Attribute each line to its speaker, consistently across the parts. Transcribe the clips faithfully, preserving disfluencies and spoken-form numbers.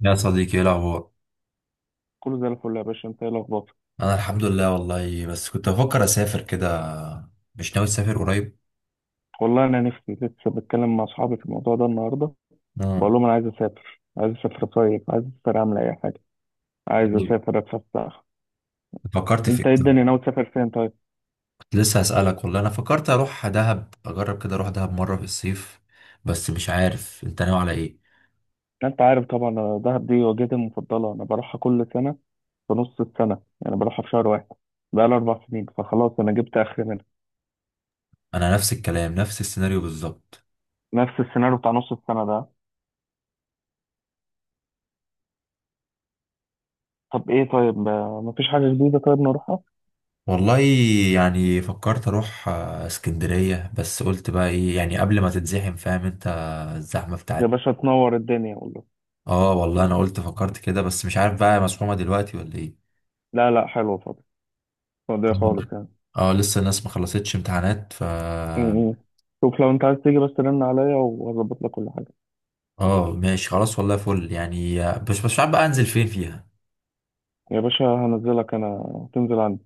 Speaker 1: يا صديقي، ايه الاخبار؟
Speaker 2: كله زي الفل يا باشا، انت ايه الاخبار؟
Speaker 1: انا الحمد لله والله، بس كنت بفكر اسافر كده. مش ناوي تسافر قريب؟
Speaker 2: والله انا نفسي، لسه بتكلم مع اصحابي في الموضوع ده النهارده، بقول
Speaker 1: مم.
Speaker 2: لهم انا عايز اسافر، عايز اسافر اصيف، عايز اسافر اعمل اي حاجه، عايز
Speaker 1: إيه؟
Speaker 2: اسافر اتفسح.
Speaker 1: فكرت في
Speaker 2: انت
Speaker 1: ايه
Speaker 2: ايه
Speaker 1: طب؟
Speaker 2: الدنيا، ناوي تسافر فين طيب؟
Speaker 1: كنت لسه هسألك، والله انا فكرت اروح دهب، اجرب كده اروح دهب مرة في الصيف. بس مش عارف انت ناوي على ايه.
Speaker 2: انت عارف طبعا، انا دهب دي وجهتي المفضله، انا بروحها كل سنه في نص السنه، يعني بروحها في شهر واحد. بقى لي اربع سنين فخلاص، انا جبت اخر منها.
Speaker 1: انا نفس الكلام، نفس السيناريو بالظبط.
Speaker 2: نفس السيناريو بتاع نص السنه ده. طب ايه طيب، آه، مفيش حاجه جديده، طيب نروحها.
Speaker 1: والله يعني فكرت اروح آه، اسكندرية، بس قلت بقى ايه يعني قبل ما تتزحم، فاهم انت؟ الزحمة
Speaker 2: يا
Speaker 1: بتاعت.
Speaker 2: باشا، تنور الدنيا والله.
Speaker 1: اه، والله انا قلت فكرت كده، بس مش عارف بقى مسحومة دلوقتي ولا ايه.
Speaker 2: لا لا، حلوه فاضي، فاضي خالص يعني.
Speaker 1: اه، لسه الناس ما خلصتش امتحانات ف...
Speaker 2: م- م. شوف لو انت عايز تيجي، بس رن عليا وهظبط لك كل حاجة.
Speaker 1: اه، ماشي خلاص، والله فل يعني. مش مش عارف بقى انزل فين فيها.
Speaker 2: يا باشا، هنزلك انا تنزل عندي،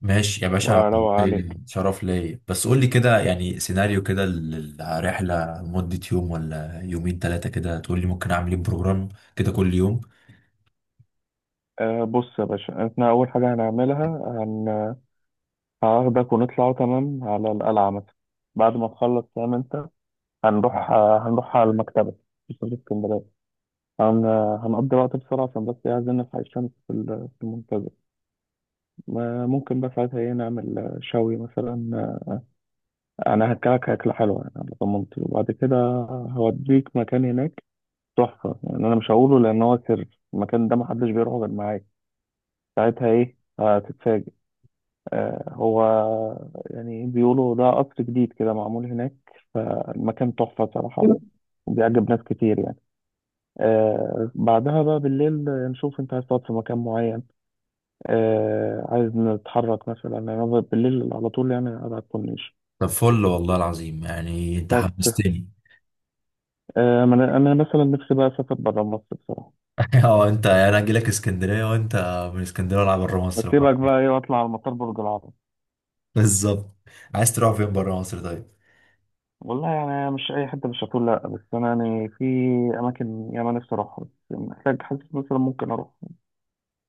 Speaker 1: ماشي يا باشا.
Speaker 2: وهروق عليك.
Speaker 1: شرف ليا، بس قول لي كده يعني سيناريو كده للرحلة، مدة يوم ولا يومين ثلاثة كده تقول لي ممكن اعمل ايه بروجرام كده كل يوم.
Speaker 2: أه بص يا باشا، احنا اول حاجة هنعملها، هن... هاخدك ونطلع تمام على القلعة مثلا، بعد ما تخلص فاهم انت. هنروح آه، هنروح على المكتبة في سوق اسكندرية. هن... هنقضي وقت بسرعة عشان بس، إيه، عايزين نلحق الشمس في ال- في المنتزه. ما- ممكن بقى ساعتها ايه نعمل، آه، شوي مثلا، آه، انا هاكلك اكلة حلوة يعني على ضمانتي، وبعد كده هوديك مكان هناك تحفة يعني. أنا مش هقوله لأن هو سر، المكان ده محدش بيروحه غير معاك. ساعتها إيه هتتفاجئ. آه هو يعني بيقولوا ده قصر جديد كده معمول هناك، فالمكان تحفة صراحة، وبيعجب ناس كتير يعني. آه بعدها بقى بالليل، نشوف أنت عايز تقعد في مكان معين. آه عايز نتحرك مثلا، يعني أنا بالليل على طول يعني قاعد على الكورنيش
Speaker 1: طب فل والله العظيم، يعني انت
Speaker 2: بس.
Speaker 1: حمستني.
Speaker 2: آه ما أنا أنا مثلا نفسي بقى أسافر برا مصر، بصراحة.
Speaker 1: اه، انت يعني انا اجي لك اسكندرية وانت من اسكندرية ولا بره مصر؟
Speaker 2: بسيبك بقى إيه، وأطلع على مطار برج العرب.
Speaker 1: بالظبط. عايز تروح فين بره مصر طيب؟
Speaker 2: والله يعني مش أي حتة، مش هتقول لأ، بس أنا يعني في أماكن ياما نفسي أروحها، بس محتاج، حاسس مثلا ممكن أروح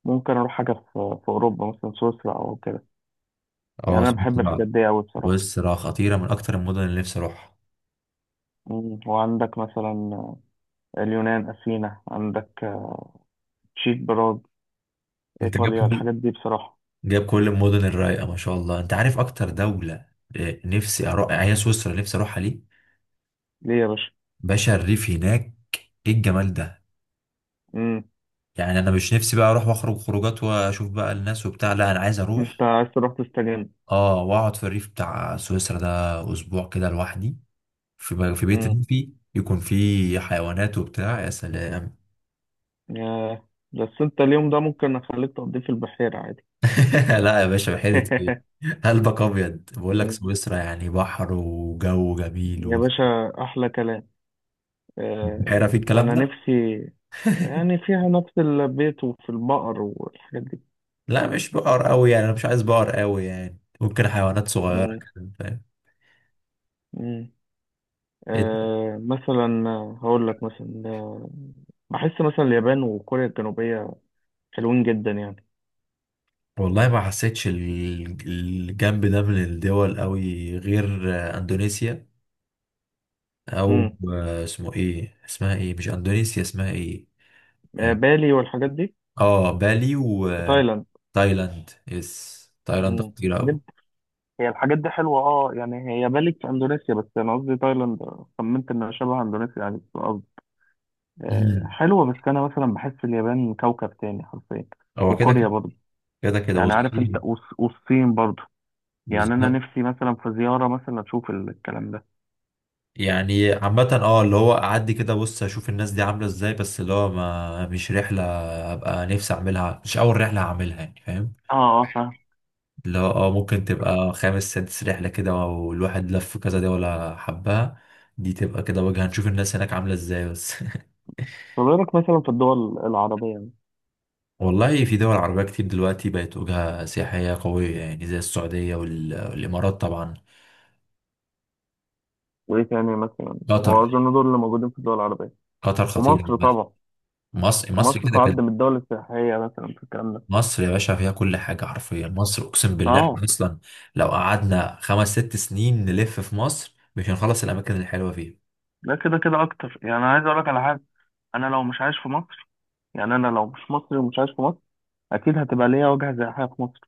Speaker 2: ممكن أروح حاجة في, في أوروبا، مثلا سويسرا أو كده. يعني
Speaker 1: اه،
Speaker 2: أنا بحب
Speaker 1: سمعت.
Speaker 2: الحاجات دي أوي بصراحة.
Speaker 1: بص، راها خطيرة من أكتر المدن اللي نفسي أروحها.
Speaker 2: مم. وعندك مثلا اليونان، أثينا. عندك تشيك، براغ.
Speaker 1: أنت جايب
Speaker 2: إيطاليا.
Speaker 1: كل
Speaker 2: الحاجات دي بصراحة.
Speaker 1: جايب كل المدن الرايقة، ما شاء الله، أنت عارف أكتر دولة آه، نفسي أروح، يعني هي سويسرا، نفسي أروحها ليه؟
Speaker 2: ليه يا باشا؟
Speaker 1: باشا، الريف هناك، إيه الجمال ده؟
Speaker 2: مم.
Speaker 1: يعني أنا مش نفسي بقى أروح وأخرج خروجات وأشوف بقى الناس وبتاع، لا، أنا عايز أروح.
Speaker 2: أنت عايز تروح تستجم.
Speaker 1: أه، وأقعد في الريف بتاع سويسرا ده أسبوع كده لوحدي، في في بيت
Speaker 2: مم.
Speaker 1: ريفي يكون فيه حيوانات وبتاع، يا سلام.
Speaker 2: ياه. بس أنت اليوم ده ممكن أخليك تقضيه في البحيرة عادي.
Speaker 1: لا يا باشا، بحيرة ايه؟ قلبك ابيض، بقول لك سويسرا يعني بحر وجو جميل
Speaker 2: يا باشا، أحلى كلام. آه،
Speaker 1: وبحيرة في الكلام
Speaker 2: انا
Speaker 1: ده.
Speaker 2: نفسي يعني فيها نفس البيت، وفي البقر والحاجات دي.
Speaker 1: لا مش بقر قوي، يعني انا مش عايز بقر قوي، يعني ممكن حيوانات صغيرة
Speaker 2: مم.
Speaker 1: كده، فاهم؟
Speaker 2: مم.
Speaker 1: إنت-
Speaker 2: آه، مثلا هقول لك مثلا، آه، بحس مثلا اليابان وكوريا الجنوبية حلوين جدا يعني.
Speaker 1: والله ما حسيتش ال- الجنب ده من الدول قوي، غير آه، اندونيسيا او
Speaker 2: مم.
Speaker 1: آه، اسمه ايه، اسمها ايه، مش اندونيسيا، اسمها ايه.
Speaker 2: آه،
Speaker 1: اه،
Speaker 2: بالي والحاجات دي.
Speaker 1: آه، بالي.
Speaker 2: في تايلاند.
Speaker 1: وتايلاند، يس، تايلاند
Speaker 2: مم.
Speaker 1: خطيرة قوي.
Speaker 2: الحاجات- هي الحاجات دي حلوة، اه يعني هي بالي في اندونيسيا، بس انا قصدي تايلاند. خمنت انها شبه اندونيسيا يعني في الارض. آه،
Speaker 1: مم.
Speaker 2: حلوة، بس انا مثلا بحس اليابان كوكب تاني حرفيا.
Speaker 1: هو كده
Speaker 2: وكوريا
Speaker 1: كده.
Speaker 2: برضه،
Speaker 1: كده كده
Speaker 2: يعني عارف انت.
Speaker 1: والصين.
Speaker 2: والص- والصين برضو، يعني انا
Speaker 1: بالظبط.
Speaker 2: نفسي مثلا في زيارة مثلا اشوف ال- الكلام ده.
Speaker 1: يعني عامة اه، اللي هو اعدي كده بص اشوف الناس دي عاملة ازاي، بس اللي هو ما مش رحلة ابقى نفسي اعملها، مش اول رحلة هعملها، يعني فاهم؟
Speaker 2: اه، اه، فاهم.
Speaker 1: اللي هو اه ممكن تبقى خامس سادس رحلة كده، والواحد لف كذا دي ولا حبها، دي تبقى كده وجهة نشوف الناس هناك عاملة ازاي بس.
Speaker 2: طب ايه رأيك مثلا في الدول العربية يعني؟
Speaker 1: والله في دول عربية كتير دلوقتي بقت وجهة سياحية قوية، يعني زي السعودية وال- والامارات طبعا.
Speaker 2: وايه تاني مثلا؟
Speaker 1: قطر.
Speaker 2: واظن دول اللي موجودين في الدول العربية.
Speaker 1: قطر خطير.
Speaker 2: ومصر طبعا.
Speaker 1: مصر مصر
Speaker 2: ومصر
Speaker 1: كده
Speaker 2: تعد
Speaker 1: كده.
Speaker 2: من الدول السياحية مثلا في الكلام ده.
Speaker 1: مصر يا باشا فيها كل حاجة حرفيا، مصر أقسم بالله، إحنا
Speaker 2: اه.
Speaker 1: أصلا لو قعدنا خمس ست سنين نلف في مصر مش هنخلص الأماكن الحلوة فيها.
Speaker 2: لا، كده كده اكتر يعني. انا عايز اقول لك على حاجة، انا لو مش عايش في مصر، يعني انا لو مش مصري ومش عايش في مصر، اكيد هتبقى ليا وجهة سياحية في مصر.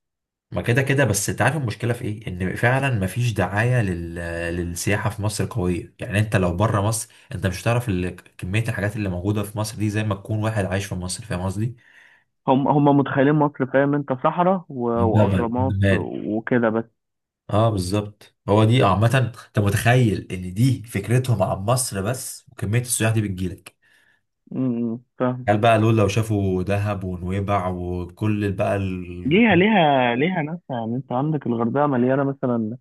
Speaker 1: ما كده كده، بس أنت عارف المشكلة في إيه؟ إن فعلا مفيش دعاية لل... للسياحة في مصر قوية، يعني أنت لو بره مصر أنت مش هتعرف ال... كمية الحاجات اللي موجودة في مصر دي، زي ما تكون واحد عايش في مصر، فاهم قصدي؟
Speaker 2: هم هم متخيلين مصر، فاهم انت؟ صحراء و-
Speaker 1: ده امم بل-
Speaker 2: واهرامات
Speaker 1: بالمال.
Speaker 2: وكده بس.
Speaker 1: اه بالظبط، هو دي عامة. أنت متخيل إن دي فكرتهم عن مصر بس، وكمية السياح دي بتجيلك؟
Speaker 2: امم، فاهم.
Speaker 1: قال بقى دول لو شافوا دهب ونويبع وكل بقى ال...
Speaker 2: ليها ليها ليها ناس، يعني انت عندك الغردقه مليانه مثلا،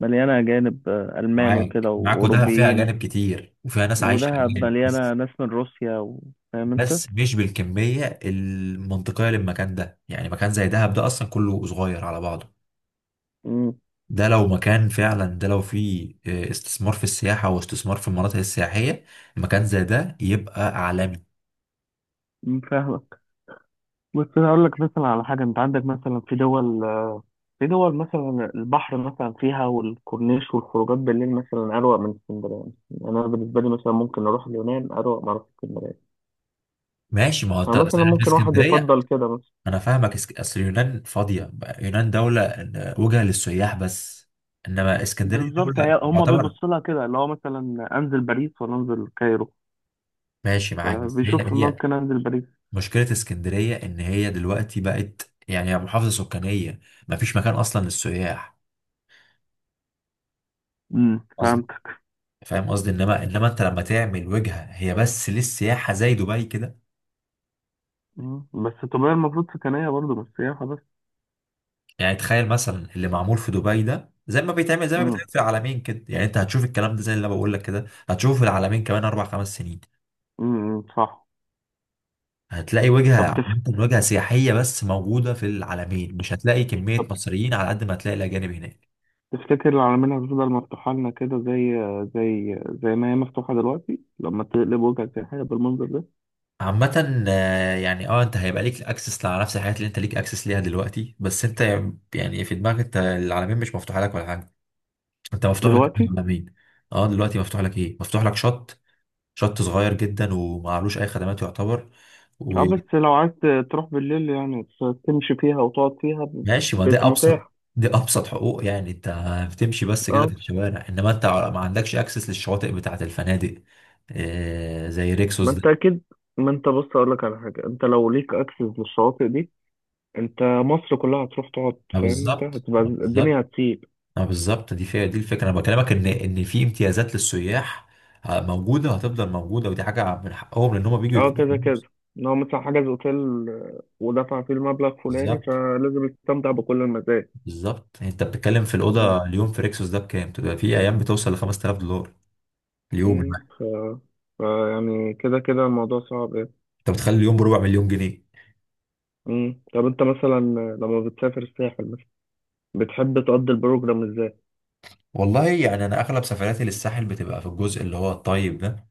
Speaker 2: مليانه اجانب، آه، المان وكده
Speaker 1: معاك معاكوا دهب فيها
Speaker 2: واوروبيين.
Speaker 1: أجانب كتير، وفيها ناس عايشة
Speaker 2: ودهب
Speaker 1: أجانب
Speaker 2: مليانه
Speaker 1: بس.
Speaker 2: ناس من روسيا و- فاهم انت؟
Speaker 1: بس مش بالكمية المنطقية للمكان ده، يعني مكان زي دهب ده أصلا كله صغير على بعضه.
Speaker 2: امم
Speaker 1: ده لو مكان فعلا، ده لو فيه آه، استثمار في السياحة واستثمار في المناطق السياحية، مكان زي ده يبقى عالمي.
Speaker 2: فاهمك. بس انا اقول لك مثلا على حاجه، انت عندك مثلا في دول في دول مثلا البحر مثلا فيها، والكورنيش والخروجات بالليل مثلا اروق من اسكندريه. يعني انا بالنسبه لي مثلا ممكن اروح اليونان اروق ما اروح اسكندريه.
Speaker 1: ماشي، ما هو انت.
Speaker 2: فمثلا ممكن واحد
Speaker 1: اسكندرية.
Speaker 2: يفضل كده مثلا.
Speaker 1: انا فاهمك، اسك- اصل يونان فاضيه. يونان دوله آه، وجهه للسياح بس، انما اسكندريه
Speaker 2: بالظبط.
Speaker 1: دوله
Speaker 2: هي هما
Speaker 1: معتبر.
Speaker 2: بيبصوا لها كده، اللي هو مثلا انزل باريس ولا انزل الكايرو؟
Speaker 1: ماشي معاك، بس هي
Speaker 2: فبيشوف
Speaker 1: هي
Speaker 2: ممكن انزل باريس.
Speaker 1: مشكله اسكندريه ان هي دلوقتي بقت يعني هي محافظه سكانيه، ما فيش مكان اصلا للسياح.
Speaker 2: امم
Speaker 1: قصدي،
Speaker 2: فهمتك.
Speaker 1: فاهم قصدي؟ انما انما انت لما تعمل وجهه هي بس للسياحه زي دبي كده.
Speaker 2: مم. بس تبقى المفروض سكنية برضه، مش سياحة بس.
Speaker 1: يعني تخيل مثلا اللي معمول في دبي ده، زي ما بيتعمل زي ما بيتعمل
Speaker 2: امم،
Speaker 1: في العالمين كده، يعني انت هتشوف الكلام ده زي اللي انا بقول لك كده، هتشوفه في العالمين كمان اربع خمس سنين.
Speaker 2: امم، صح.
Speaker 1: هتلاقي وجهة
Speaker 2: طب تف...
Speaker 1: عامة وجهة سياحية بس موجودة في العالمين، مش هتلاقي كمية
Speaker 2: طب،
Speaker 1: مصريين على قد ما هتلاقي الأجانب هناك.
Speaker 2: تفتكر العلمين هتفضل مفتوحة لنا كده، زي زي زي ما هي مفتوحة دلوقتي، لما تقلب وجهك سياحية بالمنظر ده؟
Speaker 1: عامة آه، يعني اه انت هيبقى ليك اكسس على نفس الحاجات اللي انت ليك اكسس ليها دلوقتي، بس انت يعني في دماغك انت العالمين مش مفتوحة لك ولا حاجة. انت مفتوح لك
Speaker 2: دلوقتي.
Speaker 1: العالمين. اه دلوقتي مفتوح لك ايه، مفتوح لك شط، شط صغير جدا ومعلوش اي خدمات يعتبر، و...
Speaker 2: اه، بس لو عايز تروح بالليل يعني، ت- تمشي فيها وتقعد فيها، ب-
Speaker 1: ماشي، ما دي
Speaker 2: ب-
Speaker 1: ابسط.
Speaker 2: متاح.
Speaker 1: دي ابسط حقوق، يعني انت بتمشي بس كده
Speaker 2: اه،
Speaker 1: في الشوارع، انما انت ما عندكش اكسس للشواطئ بتاعه الفنادق آه، زي ريكسوس
Speaker 2: ما انت
Speaker 1: ده.
Speaker 2: اكيد. ما انت، بص اقول لك على حاجة، انت لو ليك اكسس للشواطئ دي، انت مصر كلها هتروح تقعد،
Speaker 1: ما
Speaker 2: فاهم انت؟
Speaker 1: بالظبط،
Speaker 2: هتبقى
Speaker 1: ما بالظبط،
Speaker 2: الدنيا هتسيب.
Speaker 1: ما بالظبط، دي فيها، دي الفكره، انا بكلمك ان ان في امتيازات للسياح آه، موجوده، وهتفضل موجوده، ودي حاجه من حقهم لان هم بيجوا
Speaker 2: اه
Speaker 1: يدفعوا
Speaker 2: كده كده.
Speaker 1: فلوس.
Speaker 2: ان هو مثلا حجز اوتيل، آه، ودفع فيه المبلغ فلاني،
Speaker 1: بالظبط.
Speaker 2: فلازم يستمتع بكل المزايا.
Speaker 1: بالظبط، يعني انت بتتكلم في
Speaker 2: مم.
Speaker 1: الاوضه اليوم في ريكسوس ده بكام؟ بتبقى في ايام بتوصل ل خمسة آلاف دولار اليوم
Speaker 2: مم.
Speaker 1: الواحد.
Speaker 2: ف... ف يعني كده كده الموضوع صعب يعني.
Speaker 1: انت بتخلي اليوم بربع مليون جنيه.
Speaker 2: مم. طب انت مثلا لما بتسافر الساحل مثلا، بتحب تقضي البروجرام ازاي؟
Speaker 1: والله يعني انا اغلب سفرياتي للساحل بتبقى في الجزء اللي هو الطيب ده،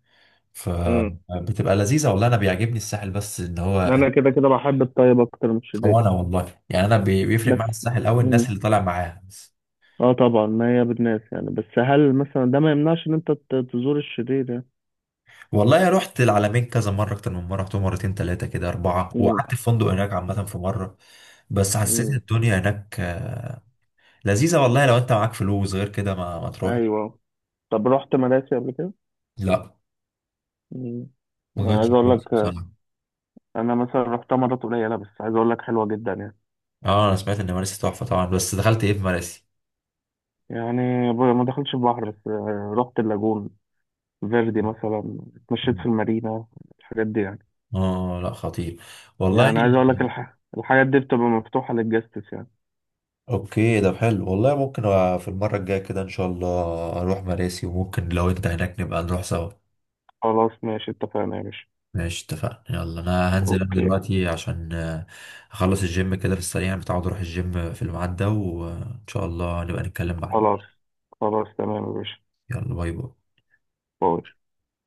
Speaker 2: مم.
Speaker 1: فبتبقى لذيذه. والله انا بيعجبني الساحل، بس ان هو
Speaker 2: انا كده كده بحب الطيب اكتر من الشديد
Speaker 1: وانا، والله يعني انا بي- بيفرق
Speaker 2: بس.
Speaker 1: معايا الساحل قوي الناس
Speaker 2: مم.
Speaker 1: اللي طالع معاها بس.
Speaker 2: اه طبعا، ما هي بالناس يعني، بس هل مثلا ده ما يمنعش ان انت ت- تزور الشرير يعني؟
Speaker 1: والله رحت العلمين كذا مره، اكتر من مره، رحتهم مرتين ثلاثه كده اربعه،
Speaker 2: مم.
Speaker 1: وقعدت في فندق هناك عامه في مره. بس حسيت إن
Speaker 2: مم.
Speaker 1: الدنيا هناك آه، لذيذه، والله لو انت معاك فلوس غير كده ما ما تروح.
Speaker 2: ايوه. طب رحت مراسي قبل كده؟
Speaker 1: لا.
Speaker 2: مم.
Speaker 1: ما
Speaker 2: أنا
Speaker 1: جاتش
Speaker 2: عايز اقول
Speaker 1: فلوس
Speaker 2: لك، آه،
Speaker 1: بصراحه.
Speaker 2: انا مثلا رحتها مرات قليله، بس عايز اقول لك حلوه جدا يعني.
Speaker 1: اه انا سمعت ان مراسي تحفه طبعا، بس دخلت ايه في مراسي؟
Speaker 2: يعني ب- ما دخلتش البحر، بس آه، رحت اللاجون فيردي مثلا، اتمشيت في المارينا، الحاجات دي يعني.
Speaker 1: اه لا، خطير. والله اه
Speaker 2: يعني عايز اقول لك،
Speaker 1: يعني
Speaker 2: الح... الحاجات دي بتبقى مفتوحه للجاستس يعني.
Speaker 1: اوكي، ده حلو والله، ممكن أ- في المرة الجاية كده ان شاء الله اروح مراسي، وممكن لو انت هناك نبقى نروح سوا.
Speaker 2: خلاص ماشي، اتفقنا يا باشا.
Speaker 1: ماشي اتفقنا، يلا انا هنزل انا
Speaker 2: اوكي.
Speaker 1: دلوقتي عشان آه، اخلص الجيم كده في السريع، انا متعود اروح الجيم في الميعاد ده، وان شاء الله نبقى نتكلم بعدين.
Speaker 2: خلاص، خلاص، تمام يا باشا.
Speaker 1: يلا، باي باي.
Speaker 2: باي.